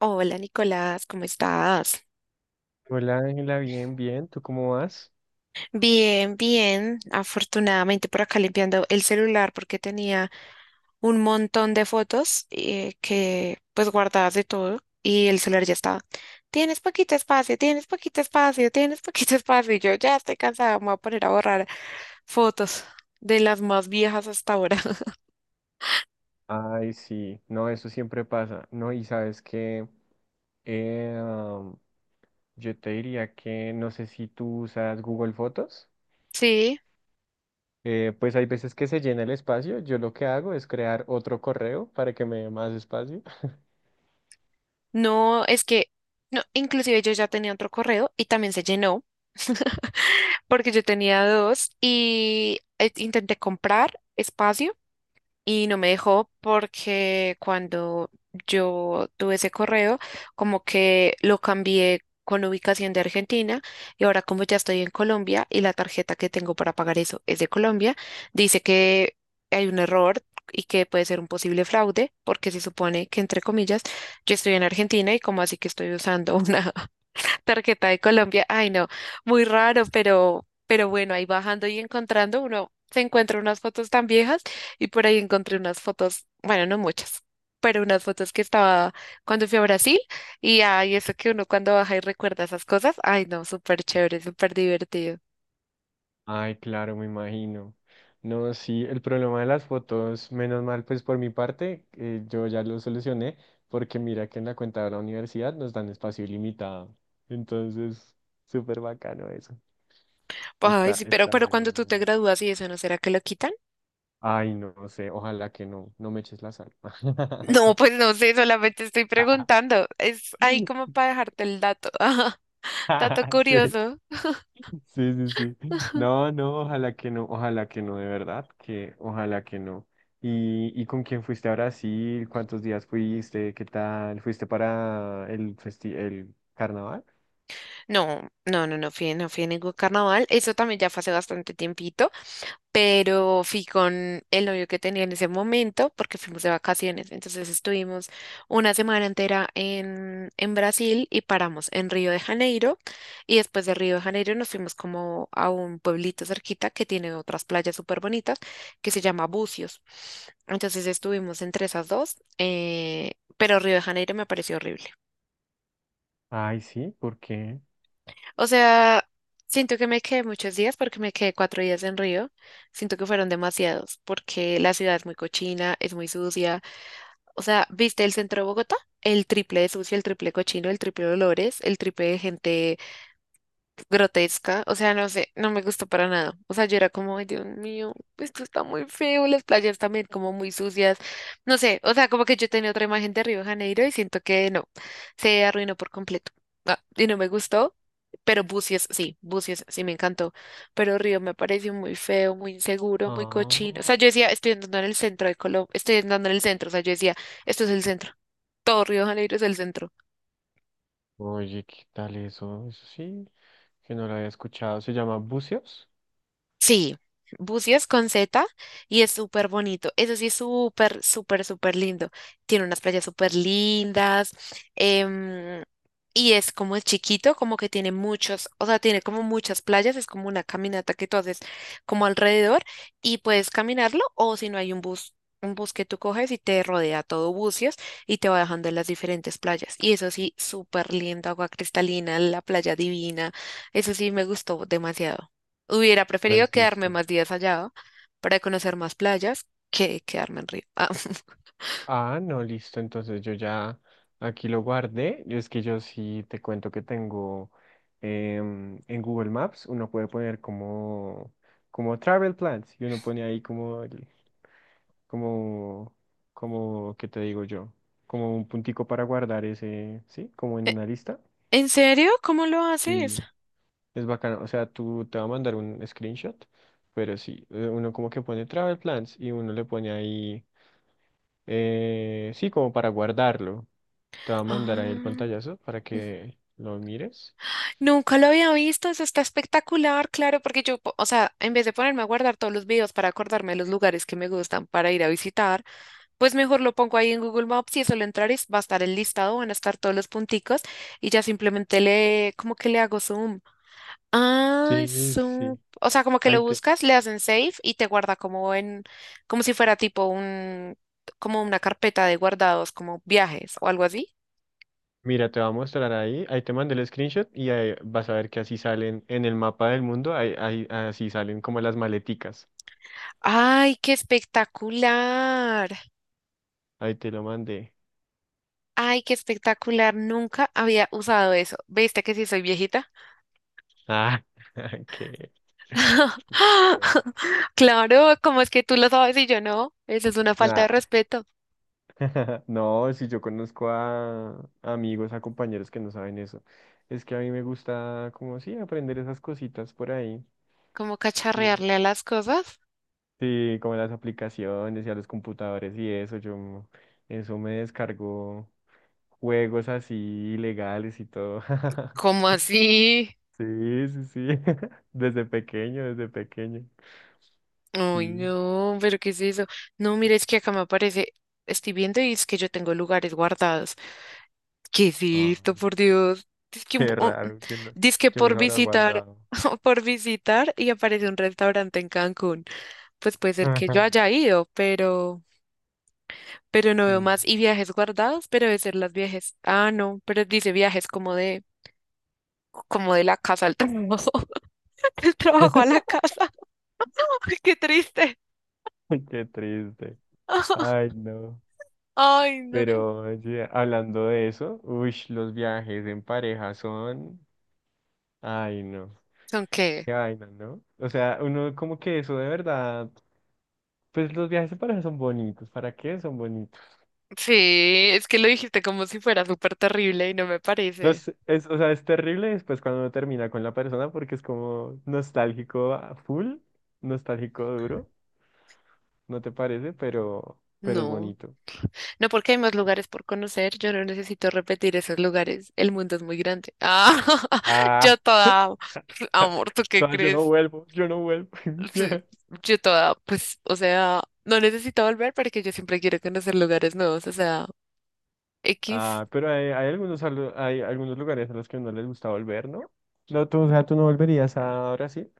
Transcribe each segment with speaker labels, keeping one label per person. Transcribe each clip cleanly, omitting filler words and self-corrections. Speaker 1: Hola Nicolás, ¿cómo estás?
Speaker 2: Hola Ángela, bien, bien, ¿tú cómo vas?
Speaker 1: Bien, bien. Afortunadamente por acá limpiando el celular porque tenía un montón de fotos que pues guardadas de todo y el celular ya estaba. Tienes poquito espacio, tienes poquito espacio, tienes poquito espacio y yo ya estoy cansada, me voy a poner a borrar fotos de las más viejas hasta ahora.
Speaker 2: Ay, sí, no, eso siempre pasa, ¿no? Y sabes que yo te diría que no sé si tú usas Google Fotos,
Speaker 1: Sí.
Speaker 2: pues hay veces que se llena el espacio, yo lo que hago es crear otro correo para que me dé más espacio.
Speaker 1: No, es que, no, inclusive yo ya tenía otro correo y también se llenó, porque yo tenía dos y intenté comprar espacio y no me dejó porque cuando yo tuve ese correo, como que lo cambié con ubicación de Argentina y ahora como ya estoy en Colombia y la tarjeta que tengo para pagar eso es de Colombia, dice que hay un error y que puede ser un posible fraude porque se supone que entre comillas yo estoy en Argentina y como así que estoy usando una tarjeta de Colombia, ay no, muy raro, pero bueno, ahí bajando y encontrando uno se encuentra unas fotos tan viejas y por ahí encontré unas fotos, bueno, no muchas, pero unas fotos que estaba cuando fui a Brasil y ay, eso que uno cuando baja y recuerda esas cosas, ay no, súper chévere, súper divertido.
Speaker 2: Ay, claro, me imagino. No, sí, el problema de las fotos, menos mal, pues por mi parte, yo ya lo solucioné, porque mira que en la cuenta de la universidad nos dan espacio ilimitado. Entonces, súper bacano eso.
Speaker 1: Ay,
Speaker 2: Está,
Speaker 1: sí,
Speaker 2: está
Speaker 1: pero
Speaker 2: bueno,
Speaker 1: cuando
Speaker 2: la
Speaker 1: tú te
Speaker 2: verdad.
Speaker 1: gradúas y eso, ¿no será que lo quitan?
Speaker 2: Ay, no, no sé, ojalá que no, no me eches la sal.
Speaker 1: No, pues no sé, solamente estoy preguntando, es ahí como para dejarte el dato, dato
Speaker 2: Sí.
Speaker 1: curioso.
Speaker 2: Sí, sí, sí. No, no, ojalá que no, ojalá que no, de verdad, que ojalá que no. ¿Y con quién fuiste a Brasil? ¿Cuántos días fuiste? ¿Qué tal? ¿Fuiste para el el carnaval?
Speaker 1: No, no, no, no fui, no fui a ningún carnaval. Eso también ya fue hace bastante tiempito, pero fui con el novio que tenía en ese momento porque fuimos de vacaciones. Entonces estuvimos una semana entera en Brasil y paramos en Río de Janeiro. Y después de Río de Janeiro nos fuimos como a un pueblito cerquita que tiene otras playas súper bonitas que se llama Búzios. Entonces estuvimos entre esas dos, pero Río de Janeiro me pareció horrible.
Speaker 2: Ay, sí, ¿por qué?
Speaker 1: O sea, siento que me quedé muchos días porque me quedé cuatro días en Río. Siento que fueron demasiados porque la ciudad es muy cochina, es muy sucia. O sea, ¿viste el centro de Bogotá? El triple de sucio, el triple de cochino, el triple de olores, el triple de gente grotesca, o sea, no sé, no me gustó para nada. O sea, yo era como, "Ay, Dios mío, esto está muy feo, las playas también como muy sucias, no sé, o sea, como que yo tenía otra imagen de Río de Janeiro y siento que no, se arruinó por completo". Ah, y no me gustó, pero Bucios sí me encantó, pero Río me pareció muy feo, muy inseguro, muy cochino. O
Speaker 2: Ah,
Speaker 1: sea, yo decía, estoy andando en el centro de Colombia, estoy andando en el centro, o sea, yo decía, esto es el centro. Todo Río de Janeiro es el centro.
Speaker 2: oye, ¿qué tal eso? Eso sí, que no lo había escuchado. ¿Se llama buceos?
Speaker 1: Sí, bucios con Z y es súper bonito. Eso sí es súper, súper, súper lindo. Tiene unas playas súper lindas. em, y es como es chiquito, como que tiene muchos, o sea, tiene como muchas playas. Es como una caminata que tú haces como alrededor y puedes caminarlo o si no hay un bus. Un bus que tú coges y te rodea todo bucios y te va dejando en las diferentes playas. Y eso sí, súper lindo, agua cristalina, la playa divina. Eso sí me gustó demasiado. Hubiera preferido
Speaker 2: Pues
Speaker 1: quedarme
Speaker 2: listo.
Speaker 1: más días allá para conocer más playas que quedarme en Río. Ah,
Speaker 2: Ah, no, listo. Entonces yo ya aquí lo guardé. Yo es que yo sí te cuento que tengo en Google Maps, uno puede poner como, como travel plans y uno pone ahí como, como, ¿qué te digo yo? Como un puntico para guardar ese, ¿sí? Como en
Speaker 1: ¿e-
Speaker 2: una lista.
Speaker 1: ¿En serio? ¿Cómo lo haces?
Speaker 2: Y es bacano. O sea, tú te va a mandar un screenshot, pero sí, uno como que pone travel plans y uno le pone ahí, sí, como para guardarlo. Te va a mandar ahí el
Speaker 1: Ah,
Speaker 2: pantallazo para que lo mires.
Speaker 1: nunca lo había visto, eso está espectacular, claro, porque yo, o sea, en vez de ponerme a guardar todos los videos para acordarme de los lugares que me gustan para ir a visitar, pues mejor lo pongo ahí en Google Maps y eso lo entrar va a estar el listado, van a estar todos los punticos y ya simplemente le, como que le hago zoom.
Speaker 2: Sí, sí.
Speaker 1: O sea, como que lo
Speaker 2: Ahí te,
Speaker 1: buscas, le hacen save y te guarda como en, como si fuera tipo un, como una carpeta de guardados, como viajes o algo así.
Speaker 2: mira, te va a mostrar ahí. Ahí te mandé el screenshot y ahí vas a ver que así salen en el mapa del mundo. Así salen como las maleticas.
Speaker 1: Ay, qué espectacular.
Speaker 2: Ahí te lo mandé.
Speaker 1: Ay, qué espectacular. Nunca había usado eso. ¿Viste que sí soy viejita?
Speaker 2: Ah, qué. No, no, no.
Speaker 1: Claro, ¿cómo es que tú lo sabes y yo no? Eso es una falta de
Speaker 2: Nah.
Speaker 1: respeto.
Speaker 2: No, si yo conozco a amigos, a compañeros que no saben eso. Es que a mí me gusta, como sí, aprender esas cositas por ahí.
Speaker 1: ¿Cómo
Speaker 2: Sí.
Speaker 1: cacharrearle a las cosas?
Speaker 2: Sí, como las aplicaciones y a los computadores y eso, yo, eso me descargó juegos así ilegales y todo.
Speaker 1: ¿Cómo así?
Speaker 2: Sí, sí, sí, desde pequeño, desde pequeño.
Speaker 1: Ay,
Speaker 2: Sí.
Speaker 1: no, pero ¿qué es eso? No, mira, es que acá me aparece, estoy viendo y es que yo tengo lugares guardados. ¿Qué es
Speaker 2: Ah,
Speaker 1: esto, por Dios? Es que, un
Speaker 2: qué
Speaker 1: po- oh,
Speaker 2: raro, ¿
Speaker 1: dizque
Speaker 2: quién los
Speaker 1: por
Speaker 2: habrá
Speaker 1: visitar,
Speaker 2: guardado?
Speaker 1: por visitar y aparece un restaurante en Cancún. Pues puede ser que yo haya ido, pero no veo
Speaker 2: Mm.
Speaker 1: más. Y viajes guardados, pero debe ser las viajes. Ah, no, pero dice viajes como de la casa al trabajo, del trabajo a la casa. Ay, qué triste.
Speaker 2: Qué triste. Ay, no.
Speaker 1: Ay, no.
Speaker 2: Pero oye, hablando de eso, uy, los viajes en pareja son, ay, no.
Speaker 1: ¿Son qué?
Speaker 2: Qué vaina, ¿no? O sea, uno como que eso de verdad, pues los viajes de pareja son bonitos, ¿para qué son bonitos?
Speaker 1: Sí, es que lo dijiste como si fuera súper terrible y no me
Speaker 2: No
Speaker 1: parece.
Speaker 2: sé, es, o sea, es terrible después cuando uno termina con la persona porque es como nostálgico a full, nostálgico duro, ¿no te parece? Pero es
Speaker 1: No,
Speaker 2: bonito.
Speaker 1: no porque hay más lugares por conocer, yo no necesito repetir esos lugares, el mundo es muy grande. Ah,
Speaker 2: Ah,
Speaker 1: yo toda, amor, ¿tú qué
Speaker 2: no, yo no
Speaker 1: crees?
Speaker 2: vuelvo, yo no vuelvo.
Speaker 1: Sí, yo toda, pues, o sea, no necesito volver porque yo siempre quiero conocer lugares nuevos, o sea, X.
Speaker 2: Ah, pero hay algunos, hay algunos lugares a los que no les gusta volver, ¿no? No, tú, o sea, tú no volverías a Brasil.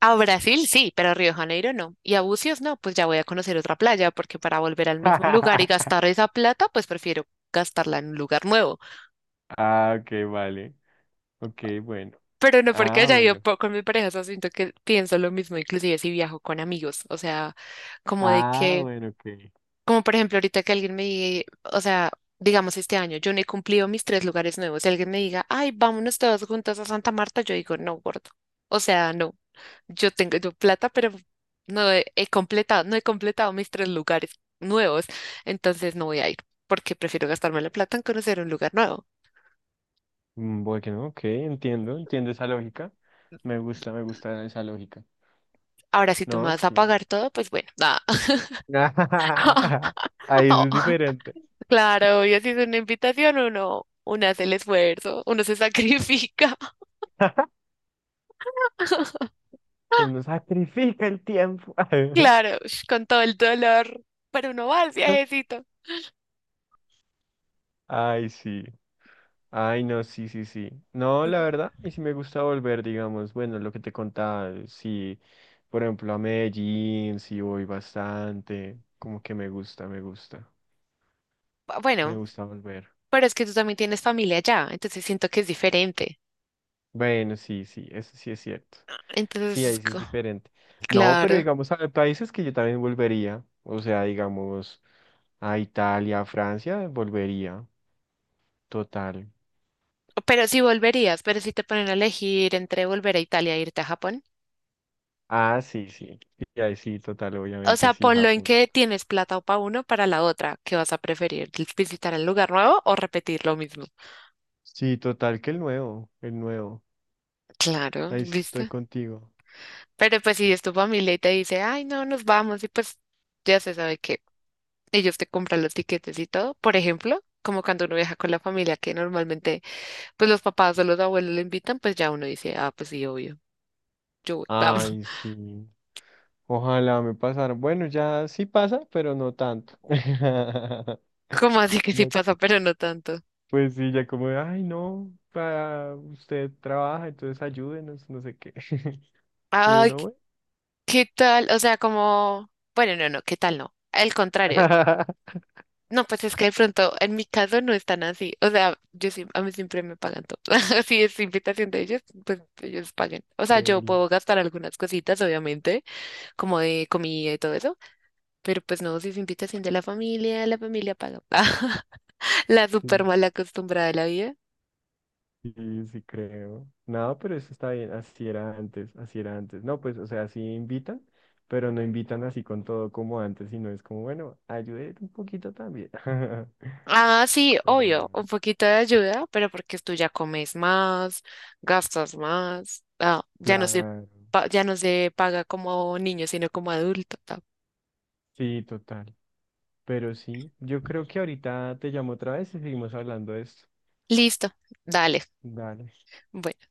Speaker 1: A Brasil sí, pero a Río de Janeiro no. Y a Bucios no, pues ya voy a conocer otra playa, porque para volver al mismo lugar y gastar esa plata, pues prefiero gastarla en un lugar nuevo.
Speaker 2: Ah, ok, vale. Ok, bueno.
Speaker 1: Pero no porque
Speaker 2: Ah,
Speaker 1: haya ido
Speaker 2: bueno.
Speaker 1: po- con mi pareja, o sea, siento que pienso lo mismo, inclusive si viajo con amigos, o sea, como de
Speaker 2: Ah,
Speaker 1: que,
Speaker 2: bueno, ok.
Speaker 1: como por ejemplo ahorita que alguien me diga, o sea, digamos este año, yo no he cumplido mis tres lugares nuevos, si alguien me diga, ay, vámonos todos juntos a Santa Marta, yo digo, no, gordo, o sea, no, yo tengo yo plata, pero he completado, no he completado mis tres lugares nuevos, entonces no voy a ir, porque prefiero gastarme la plata en conocer un lugar nuevo.
Speaker 2: Mm, bueno, ok, entiendo, entiendo esa lógica. Me gusta esa lógica.
Speaker 1: Ahora, si tú me
Speaker 2: No,
Speaker 1: vas a
Speaker 2: sí.
Speaker 1: pagar todo, pues bueno, nada.
Speaker 2: Ahí eso es diferente.
Speaker 1: Claro, y así es una invitación, uno, uno hace el esfuerzo, uno se sacrifica.
Speaker 2: Uno sacrifica el tiempo.
Speaker 1: Claro, ush, con todo el dolor, pero uno va al viajecito.
Speaker 2: Ay, sí. Ay, no, sí, sí, sí. No,
Speaker 1: Bu-
Speaker 2: la verdad, y si me gusta volver, digamos, bueno, lo que te contaba, sí, por ejemplo, a Medellín, sí voy bastante, como que me gusta, me gusta, me
Speaker 1: Bueno,
Speaker 2: gusta volver.
Speaker 1: pero es que tú también tienes familia allá, entonces siento que es diferente.
Speaker 2: Bueno, sí, sí, eso sí es cierto. Sí,
Speaker 1: Entonces, es
Speaker 2: ahí sí es
Speaker 1: co-
Speaker 2: diferente. No, pero
Speaker 1: Claro.
Speaker 2: digamos, hay países que yo también volvería. O sea, digamos, a Italia, a Francia, volvería. Total.
Speaker 1: Pero si volverías, pero si te ponen a elegir entre volver a Italia e irte a Japón.
Speaker 2: Ah, sí, sí. Sí, ahí sí, total,
Speaker 1: O
Speaker 2: obviamente
Speaker 1: sea,
Speaker 2: sí,
Speaker 1: ponlo en
Speaker 2: Japón.
Speaker 1: que tienes plata o para uno, para la otra. ¿Qué vas a preferir? ¿Visitar el lugar nuevo o repetir lo mismo?
Speaker 2: Sí, total, que el nuevo, el nuevo.
Speaker 1: Claro,
Speaker 2: Ahí sí estoy
Speaker 1: ¿viste?
Speaker 2: contigo.
Speaker 1: Pero pues si es tu familia y te dice, ay, no, nos vamos, y pues ya se sabe que ellos te compran los tiquetes y todo, por ejemplo, como cuando uno viaja con la familia, que normalmente pues los papás o los abuelos le invitan, pues ya uno dice, ah, pues sí, obvio, yo voy, vamos.
Speaker 2: Ay, sí. Ojalá me pasara. Bueno, ya sí pasa, pero no tanto.
Speaker 1: ¿Como así que sí
Speaker 2: Ya
Speaker 1: pasa, pero no tanto?
Speaker 2: pues sí, ya como, de, ay, no, para usted trabaja, entonces ayúdenos, no sé qué. Y
Speaker 1: Ay,
Speaker 2: uno,
Speaker 1: ¿qué
Speaker 2: bueno,
Speaker 1: qué tal? O sea, como, bueno, no, no, ¿qué tal no? Al contrario, no, pues es que de pronto, en mi caso no están así. O sea, yo sí, a mí siempre me pagan todo. Si es invitación de ellos, pues ellos paguen. O sea, yo
Speaker 2: dele.
Speaker 1: puedo gastar algunas cositas, obviamente, como de comida y todo eso, pero pues no, si es invitación de la familia paga. La súper
Speaker 2: Sí,
Speaker 1: mal acostumbrada de la vida.
Speaker 2: sí, sí creo. No, pero eso está bien, así era antes, así era antes. No, pues, o sea, sí invitan, pero no invitan así con todo como antes, sino es como, bueno, ayude un poquito también.
Speaker 1: Ah, sí,
Speaker 2: Pero
Speaker 1: obvio,
Speaker 2: no.
Speaker 1: un poquito de ayuda, pero porque tú ya comes más, gastas más.
Speaker 2: Claro,
Speaker 1: Ya no se paga como niño, sino como adulto. Ah.
Speaker 2: sí, total. Pero sí, yo creo que ahorita te llamo otra vez y seguimos hablando de esto.
Speaker 1: Listo, dale.
Speaker 2: Dale.
Speaker 1: Bueno,